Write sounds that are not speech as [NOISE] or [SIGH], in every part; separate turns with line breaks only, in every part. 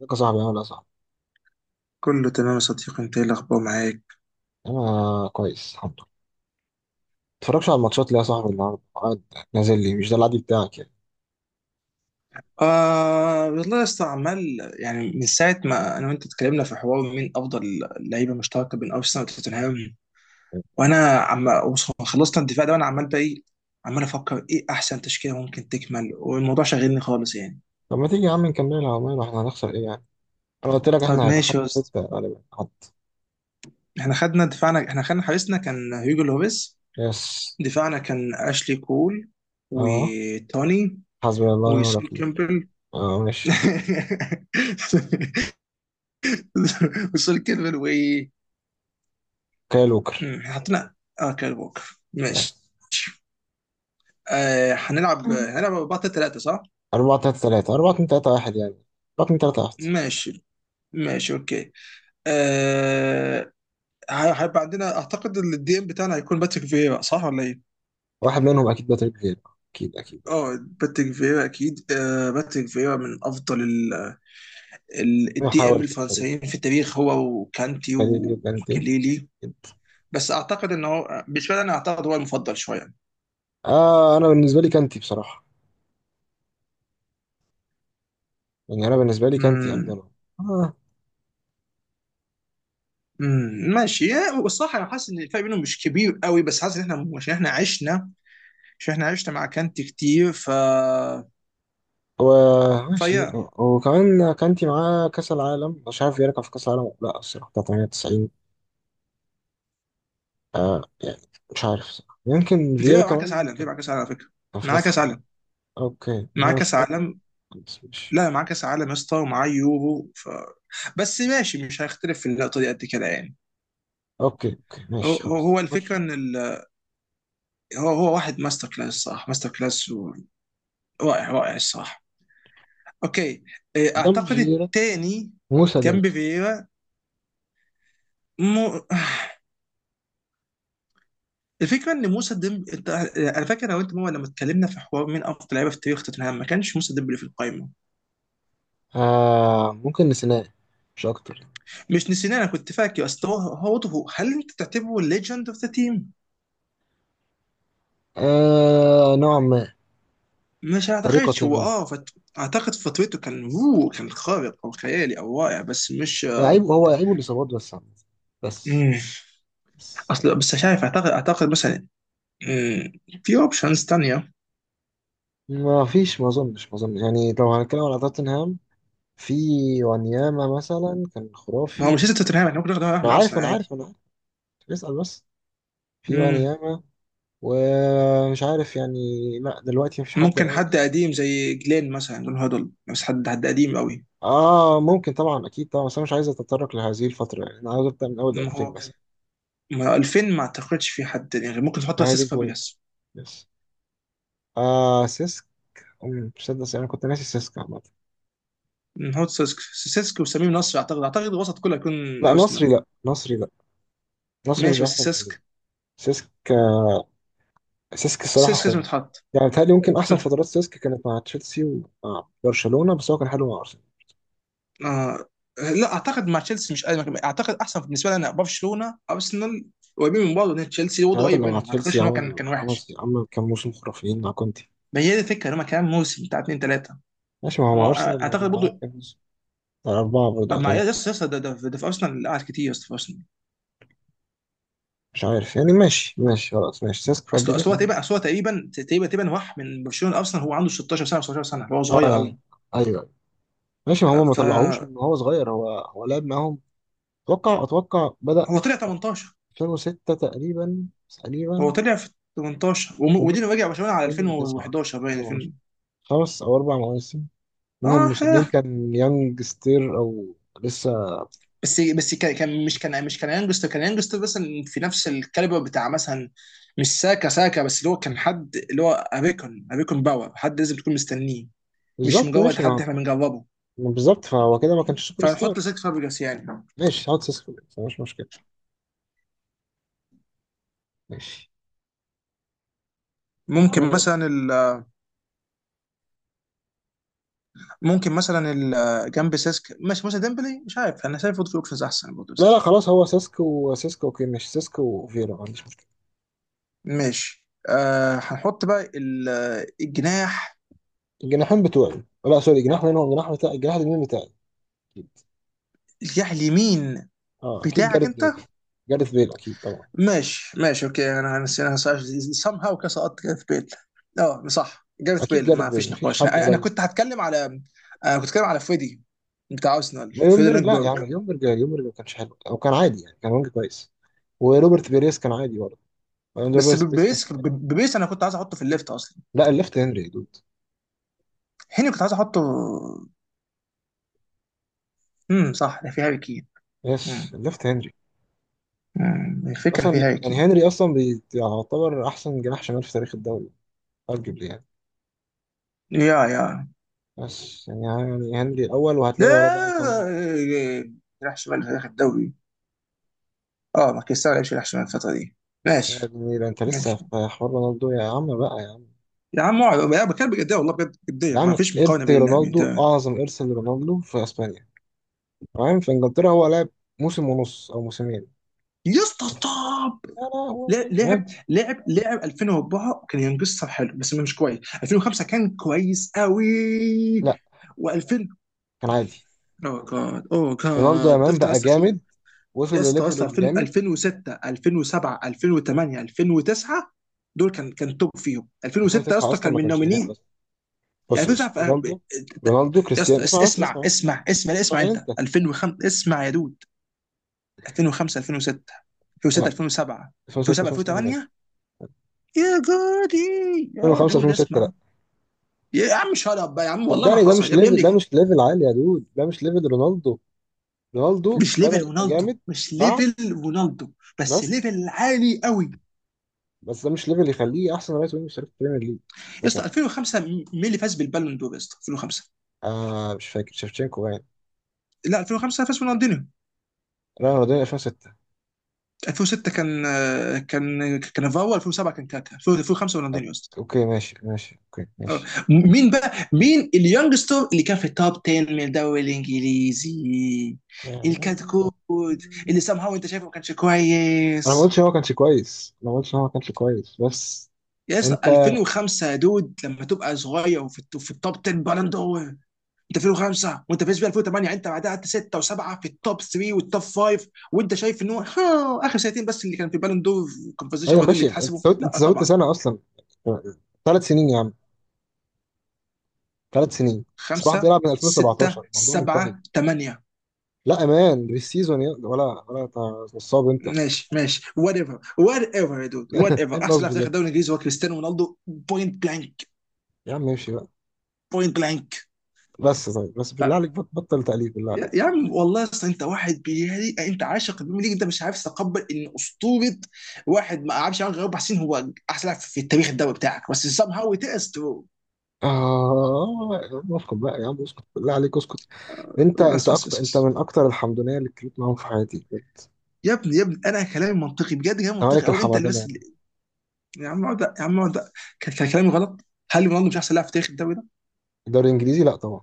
ازيك يا صاحبي، عامل ايه يا صاحبي؟
كله تمام يا صديقي، انت ايه الاخبار معاك؟
انا كويس الحمد لله. متفرجش على الماتشات ليه يا صاحبي؟ النهارده قاعد نازل لي، مش ده العادي بتاعك يعني.
آه والله يا اسطى، عمال يعني من ساعه ما انا وانت اتكلمنا في حوار مين افضل لعيبه مشتركه بين ارسنال وتوتنهام، وانا خلصنا الدفاع ده، وانا عمال بقى ايه، عمال افكر ايه احسن تشكيله ممكن تكمل، والموضوع شاغلني خالص يعني.
طب ما تيجي يا عم نكملها، عمال احنا هنخسر ايه يعني. انا قلت لك
طب
احنا هيبقى
ماشي يا
خمسة
اسطى،
ستة غالبا حد.
احنا خدنا دفاعنا، احنا خدنا حارسنا كان هيجو لوبيس.
يس.
دفاعنا كان اشلي كول
اه،
وتوني
حسبي الله ونعم
وسول
الوكيل.
كيمبل.
اه، ماشي.
[LAUGHS] وسول كيمبل وايه؟
كاي ووكر.
احنا حطينا. اه، كاري ووكر،
يس.
ماشي. آه، هنلعب بطل ثلاثة، صح؟
4-3-3، 4-2-3-1 يعني، 4-2-3-1.
ماشي، ماشي، اوكي، آه. هيبقى عندنا، اعتقد إن الدي ام بتاعنا هيكون باتريك فيرا، صح ولا ايه؟
واحد منهم أكيد باتريك فيرا، أكيد أكيد أكيد.
اه، باتريك فيرا اكيد، آه، باتريك فيرا من افضل
ما
الدي ام
حاولش في الطريق،
الفرنسيين في التاريخ، هو وكانتي
خليل يبقى أنت.
وماكليلي. بس اعتقد ان هو بالنسبه لي، انا اعتقد هو المفضل شويه.
آه، أنا بالنسبة لي كانتي بصراحة، يعني أنا بالنسبة لي كانتي
امم
أفضل. آه.
والصراحه انا حاسس ان الفرق بينهم مش كبير قوي، بس حاسس ان احنا عشان احنا عشنا مع كانتي كتير، ف
وماشي.
فيا
وكمان كانتي معاه كأس العالم، مش عارف فييرا كان في كأس العالم ولا لا الصراحة، بتاع 98. آه يعني مش عارف الصراحة. يمكن فييرا
فيا معاه كاس
كمان
عالم، فيا
كان
معاه كاس عالم على فكره.
كان في
معاه
كأس
كاس
العالم.
عالم،
اوكي ما
معاه
انا مش
كاس
متأكد،
عالم،
بس ماشي.
لا معاه كاس عالم يا اسطى، ومعاه يورو، ف... بس ماشي، مش هيختلف في النقطه دي قد كده يعني.
اوكي اوكي
هو
ماشي،
هو
خلاص
هو الفكره
بص.
ان ال... هو واحد ماستر كلاس، صح، ماستر كلاس، و... رائع، رائع الصراحه. اوكي. إيه،
قدام
اعتقد
فييرا
التاني
موسى
كان
ديمبلي.
بفييرا. مو... [SIGHS] الفكره ان موسى ديمبلي، انت. انا فاكر لو انت ماما لما اتكلمنا في حوار مين افضل لعيبه في تاريخ توتنهام، ما كانش موسى ديمبلي في القائمه.
آه ممكن نسيناه، مش اكتر.
مش نسيناه، انا كنت فاكر. اصل هل انت تعتبره ليجند اوف ذا تيم؟
آه، نوعا ما،
مش اعتقدش،
طريقة
هو
ما.
اعتقد فترته كان، هو كان خارق او خيالي او رائع، بس مش
لعيب،
آه،
هو لعيبه الإصابات بس عامة. بس،
مم.
بس
اصل بس مش عارف، اعتقد مثلا، مم، في اوبشنز تانية.
ما فيش، ما اظنش يعني، لو هنتكلم على توتنهام، في وانياما مثلا كان
ما هو
خرافي.
مش لازم توتنهام، احنا ممكن ناخد واحد
انا
من
عارف
ارسنال
انا
عادي.
عارف انا عارف، اسأل بس. في
مم.
وانياما، ومش عارف يعني، لا دلوقتي مفيش حد
ممكن
قوي.
حد قديم زي جلين مثلا، جون هودل، بس حد قديم قوي.
اه ممكن طبعا، اكيد طبعا، بس انا مش عايز اتطرق لهذه الفترة يعني، انا عاوز ابدا من اول
ما
2000
هو
بس.
ما هو 2000 ما اعتقدش في حد يعني، ممكن تحط
هي دي
اساس
البوينت،
فابريجاس.
بس. آه سيسك. تصدق انا كنت ناسي سيسك عامة.
هو سيسك وسمير نصر، اعتقد الوسط كله هيكون
لا
ارسنال.
نصري لا نصري لا، نصري مش
ماشي، بس
احسن من كده.
سيسك،
سيسك، سيسك الصراحة
سيسك لازم
خرافي.
يتحط.
يعني بيتهيألي ممكن
لازم
أحسن
يتحط.
فترات سيسك كانت مع تشيلسي ومع برشلونة، بس هو كان حلو مع أرسنال.
آه. لا، اعتقد مع تشيلسي مش قادم، اعتقد احسن بالنسبه لي انا برشلونه، ارسنال قريبين من بعض، لان تشيلسي برضه
الراجل
قريب
اللي مع
منهم، ما
تشيلسي
اعتقدش ان هو كان
عمل
كان
عمل
وحش.
عمل كام موسم خرافيين مع كونتي.
ما هي دي الفكره، ان هم كمان موسم بتاع اثنين ثلاثه.
ماشي، ما هو مع أرسنال يعني
اعتقد
معاه
برضه.
كام موسم؟ أربعة برضه أو
يا
ثلاثة.
اسطى، يا اسطى، ده في ارسنال اللي قعد كتير يا اسطى، في ارسنال.
مش عارف يعني، ماشي ماشي خلاص، ماشي سيسك
اصل
فابريجاس
اصل هو
أنا.
تقريبا اصل هو تقريبا تقريبا تقريبا راح من برشلونه ارسنال، هو عنده 16 سنه، 17 سنه، هو
أه
صغير قوي.
أنا، أيوه أيوه ماشي. ما
آه،
هو ما طلعوهوش
فهو
من هو صغير، هو هو لعب معاهم. أتوقع بدأ
طلع 18
في 2006 تقريبا،
هو
تقريبا.
طلع في 18،
ومشي
ودينا، رجع برشلونه على
في 2009
2011، باين
2010،
2000.
5 أو 4 مواسم، منهم
اه،
موسمين
ها.
كان يانج ستير أو لسه.
بس مش كان يانجستر، كان يانجستر مثلا في نفس الكاليبر بتاع مثلا مش ساكا، ساكا، بس اللي هو كان حد، اللي هو اريكون باور، حد لازم تكون مستنيه، مش
بالظبط
مجرد
ماشي
حد
ما،
احنا بنجربه،
ما بالظبط، فهو كده ما كانش سوبر
فنحط
ستار.
سيسك فابريجاس يعني.
ماشي هقعد سيسكو بس، مش مشكلة. ماشي.
ممكن
أنا...
مثلا ال ممكن مثلا ال جنب سيسك، ماشي، مثلا ديمبلي، مش عارف، انا شايف في اوبشنز احسن برضه
لا لا
بس.
خلاص، هو سيسكو، وسيسكو اوكي ماشي. سيسكو وفيرا ما عنديش مشكلة.
ماشي، آه، هنحط بقى الجناح،
الجناحين بتوعي، لا سوري، الجناح، مين هو الجناح بتاعي، الجناح اليمين بتاعي؟ أكيد.
الجناح اليمين
اه اكيد
بتاعك
جاريث
انت.
بيل، جاريث بيل اكيد طبعا.
ماشي، ماشي، اوكي، انا نسيناها، سام هاو كده سقطت جاريث بيل. اه، صح، جاريث
اكيد
بيل
جاريث
ما
بيل
فيش
مفيش
نقاش.
حد
انا
قريب.
كنت هتكلم على، انا كنت هتكلم على فريدي بتاع ارسنال،
لا
فريدي
يومبرج، لا يا
لانجبرج.
عم يومبرج، يومبرج ما كانش حلو او كان عادي يعني، كان وينج كويس. وروبرت بيريس كان عادي برضه، وأنا
بس
روبرت بيريس كان
ببيس
شمال.
ببيس انا كنت عايز احطه في الليفت اصلا.
لا الليفت هنري يا دود.
هني كنت عايز احطه. صح، ده في هاري كين.
يس
امم
الليفت هنري.
الفكره ان في
اصلا
هاري
يعني
كين.
هنري اصلا بيعتبر احسن جناح شمال في تاريخ الدوري ارجبلي يعني.
يا يا
بس يعني، يعني هنري الأول،
لا،
وهتلاقي وراه بقى كام واحد.
راح شمال في اخر الدوري. اه، ما كريستيانو ما لعبش، راح شمال الفتره دي.
يا
ماشي.
جميل، انت لسه
ماشي
في حوار رونالدو يا عم، بقى يا عم.
يا عم، اقعد، أنا بتكلم بجديه، والله بجد جديه،
يا
ما
عم
فيش مقارنه
ارث
بين اللاعبين،
رونالدو،
تمام.
اعظم ارث لرونالدو في اسبانيا تمام، في انجلترا هو لعب موسم ونص او موسمين.
يا اسطى، ستوب.
يا لهوي
لا-
يا.
لعب لعب لعب 2004 كان ينقصها حلو بس مش كويس، 2005 كان كويس قوي،
لا،
و2000...
كان عادي.
اوه جاد، اوه
رونالدو يا
جاد،
مان
افتح
بقى
بس شوف.
جامد، وصل
يا اسطى، يا
لليفل
اسطى، 2000،
الجامد
2006، 2007، 2008، 2009 دول كان توب، فيهم 2006 يا
2009
اسطى
اصلا
كان
ما
من
كانش هناك
نومينيه.
اصلا.
يعني
بص بص
2009،
رونالدو. رونالدو
يا
كريستيانو،
اسطى
اسمع بس اسمع بس.
اسمع، لا اسمع،
اسمعني
انت
انت.
2005، اسمع يا دود، 2005، 2006، 2006،
لا
2007،
2006
2007،
2007 ماشي،
2008. يا جودي، يا
2005
دود،
2006.
اسمع. يا عم شut up بقى يا عم، والله ما
صدقني، ده
حصل،
مش
يا ابني، يا
ليفل، ده
ابني،
مش ليفل عالي يا دود، ده مش ليفل رونالدو. رونالدو
مش
بدأ
ليفل
يبقى
رونالدو،
جامد
مش
بعد.
ليفل رونالدو، بس
بس،
ليفل عالي قوي.
بس ده مش ليفل يخليه احسن رايت وينج في تاريخ البريمير ليج
يا اسطى
مثلا.
2005، مين اللي فاز بالبالون دور يا اسطى 2005؟
آه مش فاكر، شيفتشينكو باين.
لا، 2005 فاز رونالدينيو.
لا رونالدينيو 2006.
2006 كان فاو، 2007 كان كاكا، 2005 رونالدينيو يا
أوك-
اسطى.
اوكي ماشي ماشي اوكي
آه.
ماشي.
مين بقى، مين اليونجستر اللي كان في التوب 10 من الدوري الانجليزي، اللي كان
يعني
كود، اللي سام هاو انت شايفه ما كانش
انا ما
كويس؟
قلتش ان هو ما كانش كويس، انا ما قلتش ان هو ما كانش كويس بس.
يا اسطى
انت.
2005، يا دود، لما تبقى صغير وفي الت- في التوب 10 بالون دور، انت 2005 وانت فايز بيها 2008، انت بعدها قعدت 6 و7 في التوب 3 والتوب 5، وانت شايف ان هو [LAUGHS] ها، اخر سنتين بس اللي كان في بالون دور كونفرزيشن،
ايوه
هو دول اللي
ماشي، انت
اتحسبوا؟
زودت انت
لا
زودت
طبعا.
سنه اصلا، 3 سنين يا عم، 3 سنين. صلاح
5،
بيلعب من
6،
2017، الموضوع منتهي.
7، 8.
لا امان مش سيزون ولا ولا نصاب انت ايه؟
ماشي، ماشي، وات ايفر، وات ايفر يا دود، وات ايفر، احسن
النصب
لاعب في تاريخ
ده،
الدوري الانجليزي هو كريستيانو رونالدو، بوينت بلانك.
يا عم امشي بقى.
بوينت بلانك.
بس طيب بس بالله
طب،
عليك، بطل تقليد بالله
يا
عليك.
عم، والله، اصل انت واحد بيهري، انت عاشق البريمير ليج، انت مش عارف تتقبل ان اسطوره، واحد ما قعدش عنه غير 4 سنين، هو احسن لاعب في التاريخ الدوري بتاعك، بس سام هاو تقس.
اه يا عم اسكت بقى يا عم، اسكت بالله عليك اسكت. انت
بس بس
اكتر،
بس
انت
بس
من اكتر الحمدونيه اللي اتكلمت معاهم في حياتي انت.
يا ابني، يا ابني، انا كلامي منطقي بجد، كلامي منطقي
مالك
قوي، انت اللي
الحمدانه
بس
يعني.
اللي... يا عم اقعد، يا عم اقعد. كان كلامي غلط. هل رونالدو مش احسن لاعب في تاريخ الدوري ده؟
الدوري الانجليزي لا طبعا.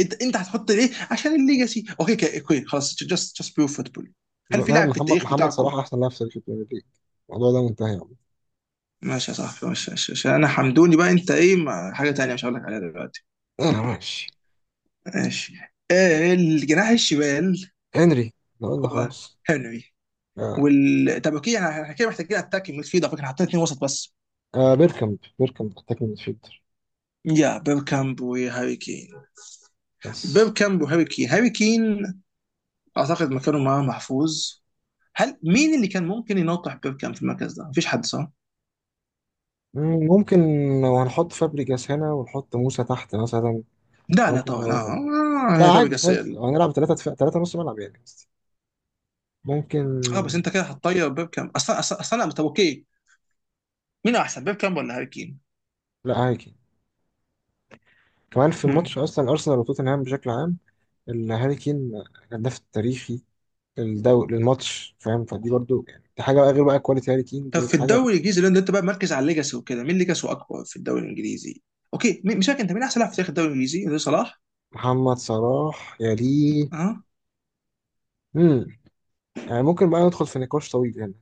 انت هتحط ليه، عشان الليجاسي؟ اوكي كده، اوكي خلاص، جاست بيور فوتبول. هل في
مان،
لاعب في التاريخ
محمد
بتاعكم؟
صلاح احسن لاعب في تاريخ البريمير ليج، الموضوع ده منتهي يا عم.
ماشي يا صاحبي، ماشي، ماشي، عشان انا حمدوني بقى، انت ايه، ما حاجه تانية مش هقول لك عليها دلوقتي.
انا ماشي.
ماشي. الجناح الشمال.
هنري. لو قلنا
هو.
خلاص.
هنري.
آه.
طب اوكي، احنا كده محتاجين اتاك ميدفيلد، على فكره حاطين اتنين وسط بس.
آه، بيركامب، بيركامب محتاج من فيلتر
يا بيب كامب وهاري كين.
بس.
بيب كامب وهاري كين، هاري كين اعتقد مكانه معاه محفوظ. هل مين اللي كان ممكن ينطح بيب كامب في المركز ده؟ مفيش حد، صح؟
مم، ممكن لو هنحط فابريجاس هنا ونحط موسى تحت مثلا،
لا، لا،
ممكن
طبعا،
لو.
اه،
لا
هي
عادي
فابريجاس
فاهم،
السيئة دي.
لو هنلعب ثلاثة دفاع ثلاثة نص ملعب يعني قصدي، ممكن.
اه، بس انت كده هتطير بيبكام، اصلا، اصلا، اصلا. طب اوكي، مين احسن، بيبكام ولا هاري كين؟
لا هاري كين، كمان في الماتش
مم.
أصلا أرسنال وتوتنهام بشكل عام، الهاري كين الهداف التاريخي للدوري للماتش فاهم، فدي برضو يعني دي حاجة، بقى غير بقى كواليتي هاري كين
طب
دي
في
حاجة.
الدوري الانجليزي، لان انت بقى مركز على الليجاسي وكده، مين ليجاسي اكبر في الدوري الانجليزي؟ اوكي مش فاكر، انت مين احسن لاعب في تاريخ الدوري الانجليزي؟ ده صلاح؟
محمد صلاح يا ليه.
اه.
مم. يعني ممكن بقى ندخل في نقاش طويل هنا،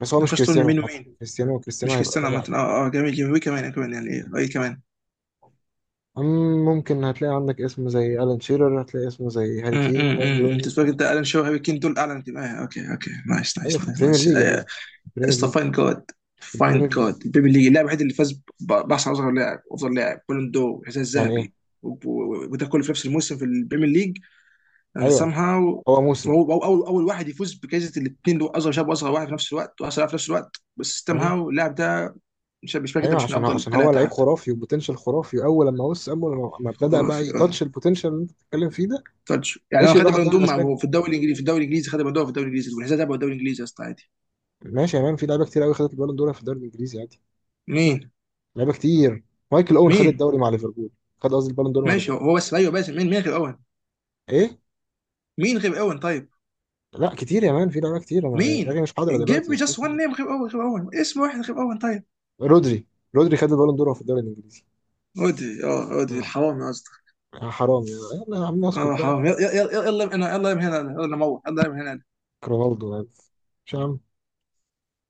بس هو مش
نخش تقول من
كريستيانو
مين
عامة،
ومين؟
كريستيانو كريستيانو
مش
هيبقى
كريستيانو
الرابع.
عامة، اه، اه، جميل، جميل، كمان، كمان، يعني ايه، اي كمان.
أم ممكن هتلاقي عندك اسم زي ألان شيرر، هتلاقي اسم زي هاري كين وين
انت
روني.
فاكر انت الان شو هاري كين دول اعلى انتماء؟ آه، اوكي، اوكي، نايس،
أيوة
نايس،
في البريمير
نايس،
ليج يا دول،
نايس.
في البريمير
اسطى
ليج.
فاين جاد.
في
فاين
البريمير ليج
جاد البيبي ليج، اللاعب الوحيد اللي فاز باحسن، اصغر لاعب، افضل لاعب، بالون دور، الحذاء
يعني إيه.
الذهبي، وده كله في نفس الموسم في البريمير ليج. and
أيوة
somehow
هو موسم.
وهو هو اول اول واحد يفوز بجائزه الاثنين دول، اصغر شاب واصغر واحد في نفس الوقت، واصغر لاعب في نفس الوقت، بس somehow
أيوة
اللاعب ده مش فاكر ده
أيوة،
مش من
عشان هو
افضل
عشان هو
ثلاثه
لعيب
حتى.
خرافي وبوتنشال خرافي، أول لما وصل، أول لما ابتدى بقى
آه.
يتاتش البوتنشال اللي أنت بتتكلم فيه ده.
تاتش، يعني انا
ماشي
خدت
وراح
بالون
الدوري
دور،
الأسباني.
هو في الدوري الانجليزي، في الدوري الانجليزي خد بالون دور، في الدوري الانجليزي والحذاء الذهبي، هو الدوري الانجليزي يا اسطى، عادي.
ماشي يا مان، في لعيبة كتير أوي خدت البالون دور في الدوري الإنجليزي عادي.
مين
لعيبة كتير. مايكل أوين خد
مين
الدوري مع ليفربول، خد قصدي البالون دور مع
ماشي، هو
ليفربول.
هو بس، ايوه، بس مين غير اوين؟
إيه.
مين غير اوين طيب؟
لا كتير يا مان، في لعيبة كتير، أنا دماغي
مين؟
مش حاضرة
give
دلوقتي،
me
بس في
just one
كتير.
name غير أوين، غير أوين، اسم واحد غير أوين طيب.
رودري. رودري خد البالون دور في الدوري الانجليزي.
عودي، اه، عودي
مم.
الحرامي قصدك؟
آه، حرام، يا يلا يا عم اسكت
اه،
بقى.
حرامي، يلا، يلا، يلا، يلا من هنا، يلا من هنا، يلا من هنا، يلا من هنا.
رونالدو يعني. مش عم